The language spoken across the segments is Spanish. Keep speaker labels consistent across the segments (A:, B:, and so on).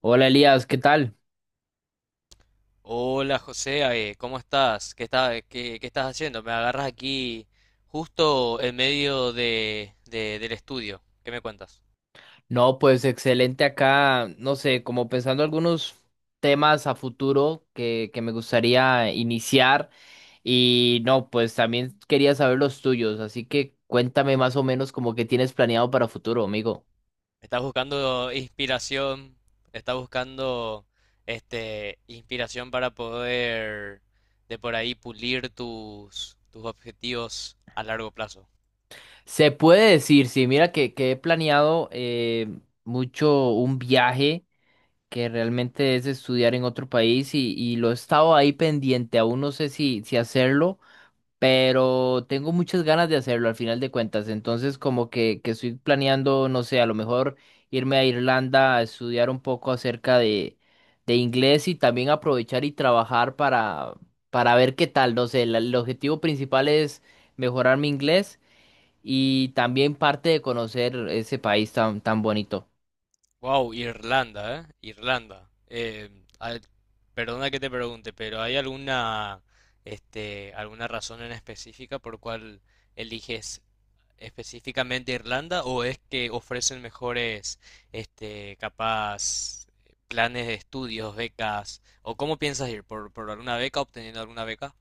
A: Hola Elías, ¿qué tal?
B: Hola José, ¿cómo estás? ¿Qué estás haciendo? Me agarras aquí justo en medio del estudio. ¿Qué me cuentas?
A: No, pues excelente acá, no sé, como pensando algunos temas a futuro que me gustaría iniciar y no, pues también quería saber los tuyos, así que cuéntame más o menos como que tienes planeado para futuro, amigo.
B: ¿Estás buscando inspiración? ¿Estás buscando inspiración para poder de por ahí pulir tus objetivos a largo plazo?
A: Se puede decir, sí, mira que he planeado mucho un viaje que realmente es estudiar en otro país y lo he estado ahí pendiente, aún no sé si hacerlo. Pero tengo muchas ganas de hacerlo al final de cuentas. Entonces, como que estoy planeando, no sé, a lo mejor irme a Irlanda a estudiar un poco acerca de inglés y también aprovechar y trabajar para ver qué tal. No sé, el objetivo principal es mejorar mi inglés y también parte de conocer ese país tan bonito.
B: Wow, Irlanda, ¿eh? Irlanda. Al- Perdona que te pregunte, pero ¿hay alguna, alguna razón en específica por cual eliges específicamente Irlanda o es que ofrecen mejores, capaz planes de estudios, becas o cómo piensas ir por alguna beca, obteniendo alguna beca?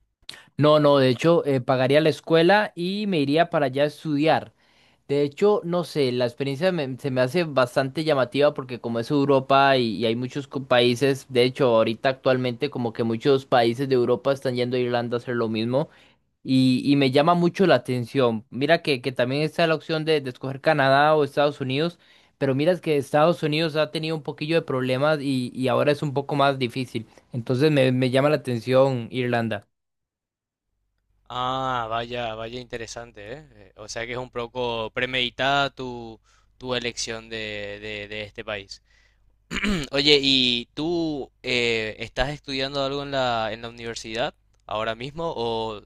A: No, no, de hecho, pagaría la escuela y me iría para allá a estudiar. De hecho, no sé, la experiencia se me hace bastante llamativa porque como es Europa y hay muchos países, de hecho, ahorita actualmente como que muchos países de Europa están yendo a Irlanda a hacer lo mismo y me llama mucho la atención. Mira que también está la opción de escoger Canadá o Estados Unidos, pero mira que Estados Unidos ha tenido un poquillo de problemas y ahora es un poco más difícil. Entonces me llama la atención Irlanda.
B: Ah, vaya, vaya interesante, ¿eh? O sea que es un poco premeditada tu elección de este país. Oye, ¿y tú estás estudiando algo en en la universidad ahora mismo o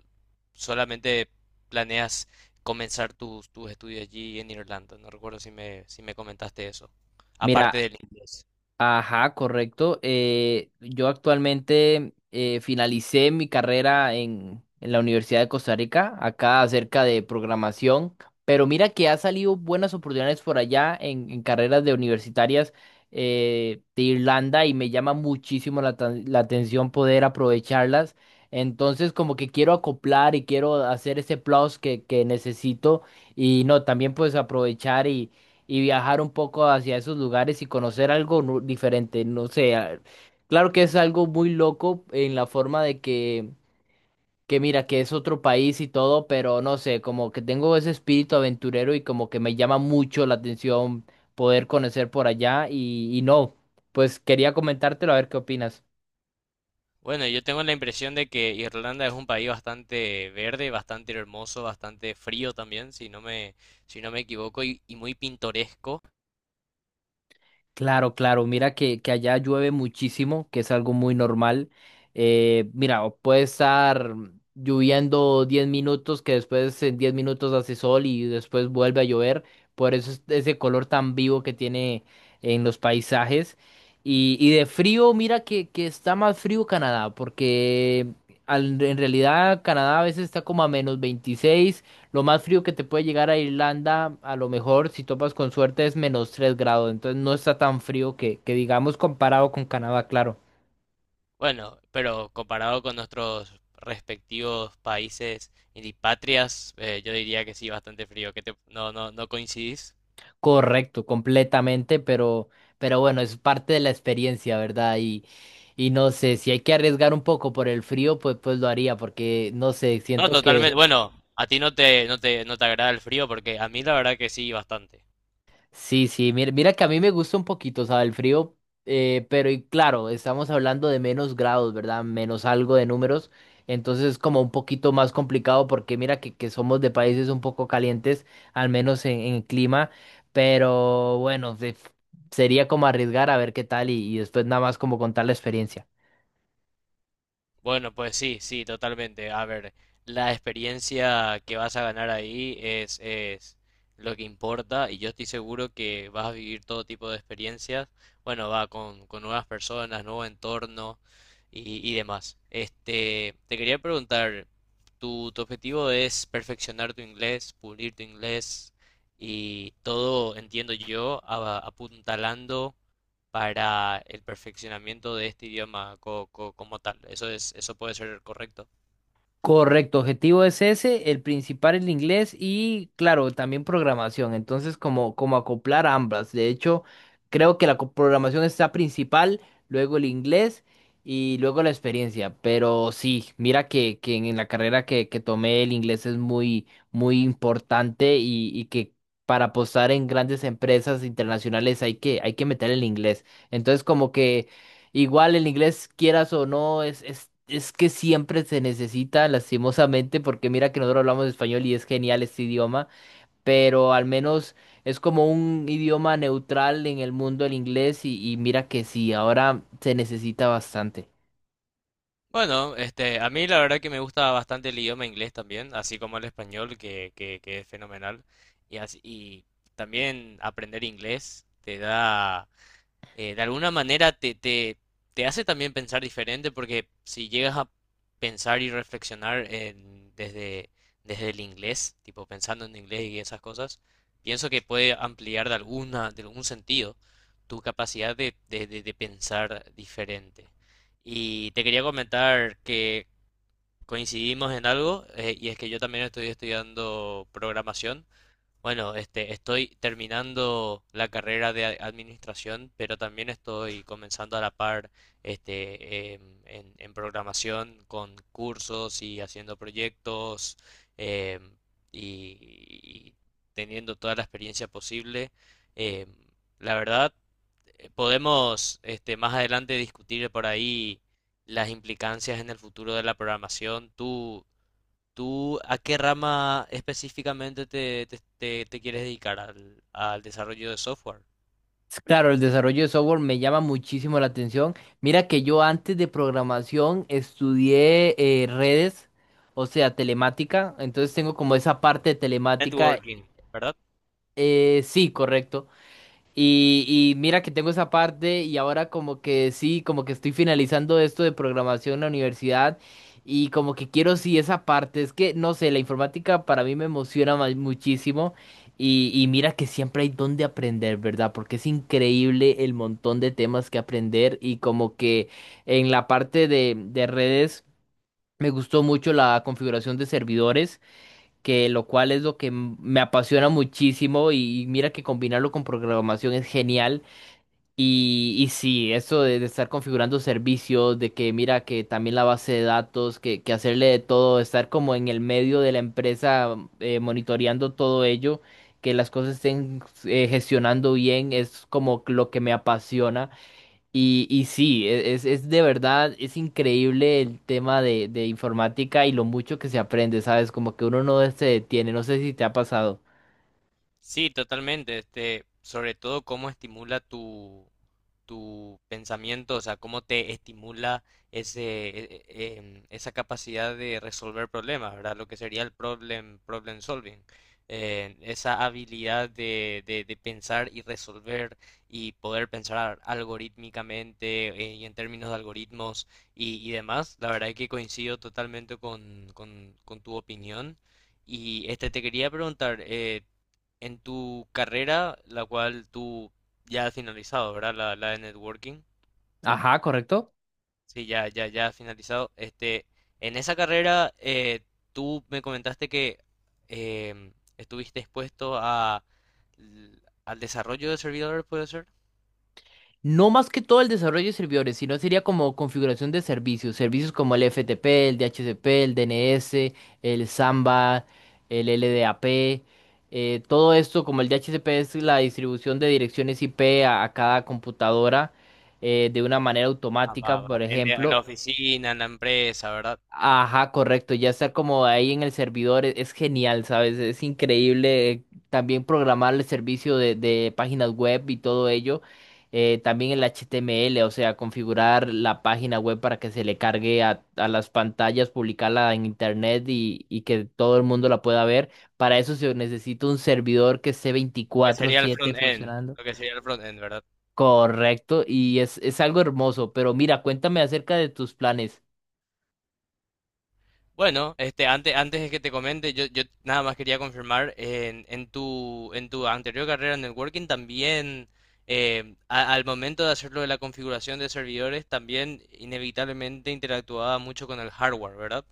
B: solamente planeas comenzar tus estudios allí en Irlanda? No recuerdo si me comentaste eso, aparte
A: Mira,
B: del inglés.
A: ajá, correcto. Yo actualmente finalicé mi carrera en la Universidad de Costa Rica, acá acerca de programación, pero mira que ha salido buenas oportunidades por allá en carreras de universitarias de Irlanda y me llama muchísimo la atención poder aprovecharlas. Entonces como que quiero acoplar y quiero hacer ese plus que necesito y no, también pues aprovechar y viajar un poco hacia esos lugares y conocer algo diferente. No sé, claro que es algo muy loco en la forma de que mira, que es otro país y todo, pero no sé, como que tengo ese espíritu aventurero y como que me llama mucho la atención poder conocer por allá y no, pues quería comentártelo a ver qué opinas.
B: Bueno, yo tengo la impresión de que Irlanda es un país bastante verde, bastante hermoso, bastante frío también, si no me equivoco, y muy pintoresco.
A: Claro, claro. Mira que allá llueve muchísimo, que es algo muy normal. Mira, o puede estar lloviendo 10 minutos, que después en 10 minutos hace sol y después vuelve a llover. Por eso es ese color tan vivo que tiene en los paisajes. Y de frío, mira que está más frío Canadá, porque en realidad Canadá a veces está como a -26. Lo más frío que te puede llegar a Irlanda, a lo mejor si topas con suerte, es -3 grados. Entonces no está tan frío que digamos comparado con Canadá, claro.
B: Bueno, pero comparado con nuestros respectivos países y patrias, yo diría que sí, bastante frío. ¿Qué te- no, no, No coincidís?
A: Correcto, completamente, pero bueno, es parte de la experiencia, ¿verdad? Y no sé, si hay que arriesgar un poco por el frío, pues, pues lo haría, porque no sé,
B: No, Sí,
A: siento.
B: totalmente. Sí. Bueno, a ti no te agrada el frío porque a mí la verdad que sí, bastante.
A: Sí, sí, mira que a mí me gusta un poquito, o sea, el frío, pero y claro, estamos hablando de menos grados, ¿verdad? Menos algo de números, entonces es como un poquito más complicado porque mira que somos de países un poco calientes, al menos en clima, pero bueno, sería como arriesgar a ver qué tal y después nada más como contar la experiencia.
B: Bueno, pues sí, sí, totalmente. A ver, la experiencia que vas a ganar ahí es lo que importa y yo estoy seguro que vas a vivir todo tipo de experiencias. Bueno, va con nuevas personas, nuevo entorno y demás. Este, te quería preguntar, tu objetivo es perfeccionar tu inglés, pulir tu inglés y todo, entiendo yo, apuntalando para el perfeccionamiento de este idioma como tal? Eso es, eso puede ser correcto.
A: Correcto, objetivo es ese, el principal el inglés y claro, también programación. Entonces, como, como acoplar ambas. De hecho, creo que la programación está principal, luego el inglés y luego la experiencia. Pero sí, mira que en la carrera que tomé el inglés es muy, muy importante y que para apostar en grandes empresas internacionales hay que meter el inglés. Entonces, como que... Igual el inglés, quieras o no, es que siempre se necesita, lastimosamente, porque mira que nosotros hablamos español y es genial este idioma, pero al menos es como un idioma neutral en el mundo el inglés y mira que sí, ahora se necesita bastante.
B: Bueno, este, a mí la verdad que me gusta bastante el idioma inglés también, así como el español, que es fenomenal. Y también aprender inglés te da de alguna manera te hace también pensar diferente porque si llegas a pensar y reflexionar desde, desde el inglés, tipo pensando en inglés y esas cosas, pienso que puede ampliar de alguna, de algún sentido tu capacidad de pensar diferente. Y te quería comentar que coincidimos en algo, y es que yo también estoy estudiando programación. Bueno, este, estoy terminando la carrera de administración, pero también estoy comenzando a la par, en programación con cursos y haciendo proyectos, em, y teniendo toda la experiencia posible. Em, la verdad, podemos, este, más adelante discutir por ahí las implicancias en el futuro de la programación. ¿Tú a qué rama específicamente te quieres dedicar, al al desarrollo de software?
A: Es claro, el desarrollo de software me llama muchísimo la atención. Mira que yo antes de programación estudié redes, o sea, telemática, entonces tengo como esa parte de telemática.
B: Networking, ¿verdad?
A: Eh, sí, correcto. Y mira que tengo esa parte y ahora como que sí, como que estoy finalizando esto de programación en la universidad y como que quiero sí esa parte. Es que, no sé, la informática para mí me emociona muchísimo y mira que siempre hay donde aprender, ¿verdad? Porque es increíble el montón de temas que aprender y como que en la parte de redes me gustó mucho la configuración de servidores que lo cual es lo que me apasiona muchísimo y mira que combinarlo con programación es genial. Y sí, eso de estar configurando servicios, de que mira que también la base de datos, que hacerle de todo, estar como en el medio de la empresa monitoreando todo ello, que las cosas estén gestionando bien, es como lo que me apasiona. Y sí, es de verdad, es increíble el tema de informática y lo mucho que se aprende, ¿sabes? Como que uno no se detiene, no sé si te ha pasado.
B: Sí, totalmente. Este, sobre todo cómo estimula tu pensamiento, o sea, cómo te estimula ese, e- e- em, esa capacidad de resolver problemas, ¿verdad? Lo que sería el problem solving. Esa habilidad de, de pensar y resolver y poder pensar algorítmicamente y en términos de algoritmos y demás. La verdad es que coincido totalmente con tu opinión. Y este te quería preguntar, en tu carrera, la cual tú ya has finalizado, ¿verdad? La de networking.
A: Ajá, correcto.
B: Sí, ya has finalizado. Este, en esa carrera, tú me comentaste que em, estuviste expuesto a, l- al desarrollo de servidores, ¿puede ser?
A: No más que todo el desarrollo de servidores, sino sería como configuración de servicios, servicios como el FTP, el DHCP, el DNS, el Samba, el LDAP, todo esto como el DHCP es la distribución de direcciones IP a cada computadora de una manera
B: Ah, va,
A: automática,
B: va.
A: por
B: En la
A: ejemplo.
B: oficina, en la empresa, ¿verdad?
A: Ajá, correcto, ya estar como ahí en el servidor es, genial, ¿sabes? Es increíble, también programar el servicio de páginas web y todo ello, también el HTML, o sea, configurar la página web para que se le cargue a las pantallas, publicarla en internet y que todo el mundo la pueda ver. Para eso se necesita un servidor que esté
B: Lo que sería el
A: 24/7
B: front-end.
A: funcionando.
B: Lo que sería el front-end, ¿verdad?
A: Correcto, y es algo hermoso, pero mira, cuéntame acerca de tus planes.
B: Bueno, este, antes de que te comente, yo nada más quería confirmar, en tu anterior carrera en networking también, al momento de hacerlo de la configuración de servidores, también inevitablemente interactuaba mucho con el hardware, ¿verdad?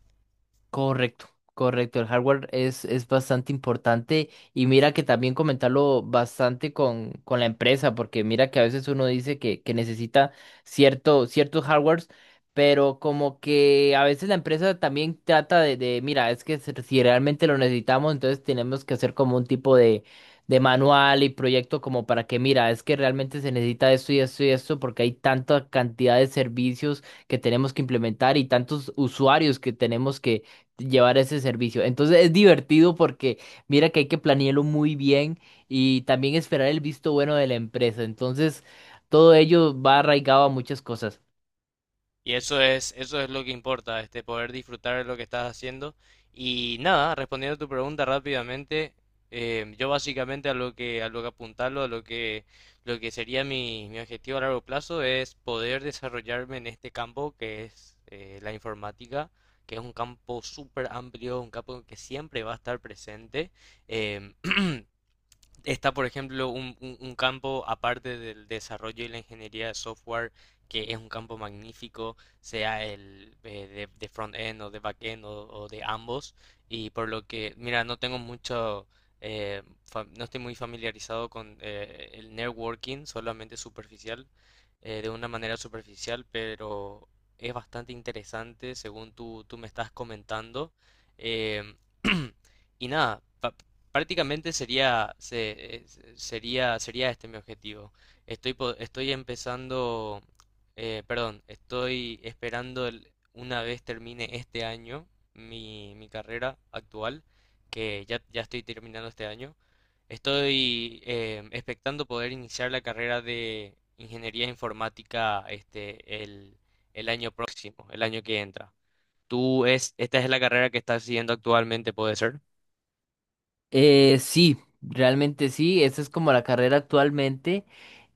A: Correcto, correcto. El hardware es bastante importante y mira que también comentarlo bastante con la empresa, porque mira que a veces uno dice que necesita ciertos hardwares, pero como que a veces la empresa también trata de, mira, es que si realmente lo necesitamos, entonces tenemos que hacer como un tipo de manual y proyecto como para que, mira, es que realmente se necesita esto y esto y esto, porque hay tanta cantidad de servicios que tenemos que implementar y tantos usuarios que tenemos llevar ese servicio. Entonces es divertido porque mira que hay que planearlo muy bien y también esperar el visto bueno de la empresa. Entonces todo ello va arraigado a muchas cosas.
B: Y eso es lo que importa, este, poder disfrutar de lo que estás haciendo. Y nada, respondiendo a tu pregunta rápidamente, yo básicamente a lo que apuntarlo, a lo que sería mi objetivo a largo plazo es poder desarrollarme en este campo que es la informática, que es un campo súper amplio, un campo que siempre va a estar presente. em, está, por ejemplo, un campo aparte del desarrollo y la ingeniería de software, que es un campo magnífico, sea el de front-end o de back-end o de ambos. Y por lo que, mira, no tengo mucho, no estoy muy familiarizado con el networking, solamente superficial, de una manera superficial, pero es bastante interesante según tú me estás comentando. Em, y nada, prácticamente sería, sería este mi objetivo. Estoy empezando, perdón, estoy esperando una vez termine este año mi carrera actual, que ya estoy terminando este año. Estoy expectando poder iniciar la carrera de ingeniería informática el año próximo, el año que entra. Esta es la carrera que estás siguiendo actualmente, puede ser?
A: Sí, realmente sí, esa es como la carrera actualmente.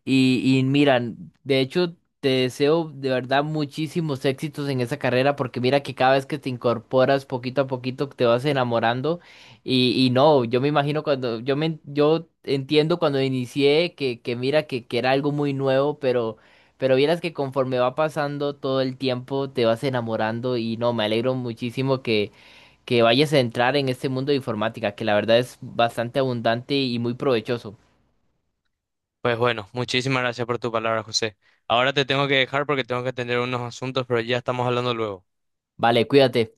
A: Y mira, de hecho, te deseo de verdad muchísimos éxitos en esa carrera porque mira que cada vez que te incorporas poquito a poquito te vas enamorando y no, yo me imagino cuando, yo me, yo entiendo cuando inicié que mira que era algo muy nuevo, pero vieras que conforme va pasando todo el tiempo te vas enamorando y no, me alegro muchísimo que vayas a entrar en este mundo de informática que la verdad es bastante abundante y muy provechoso.
B: Pues bueno, muchísimas gracias por tu palabra, José. Ahora te tengo que dejar porque tengo que atender unos asuntos, pero ya estamos hablando luego.
A: Vale, cuídate.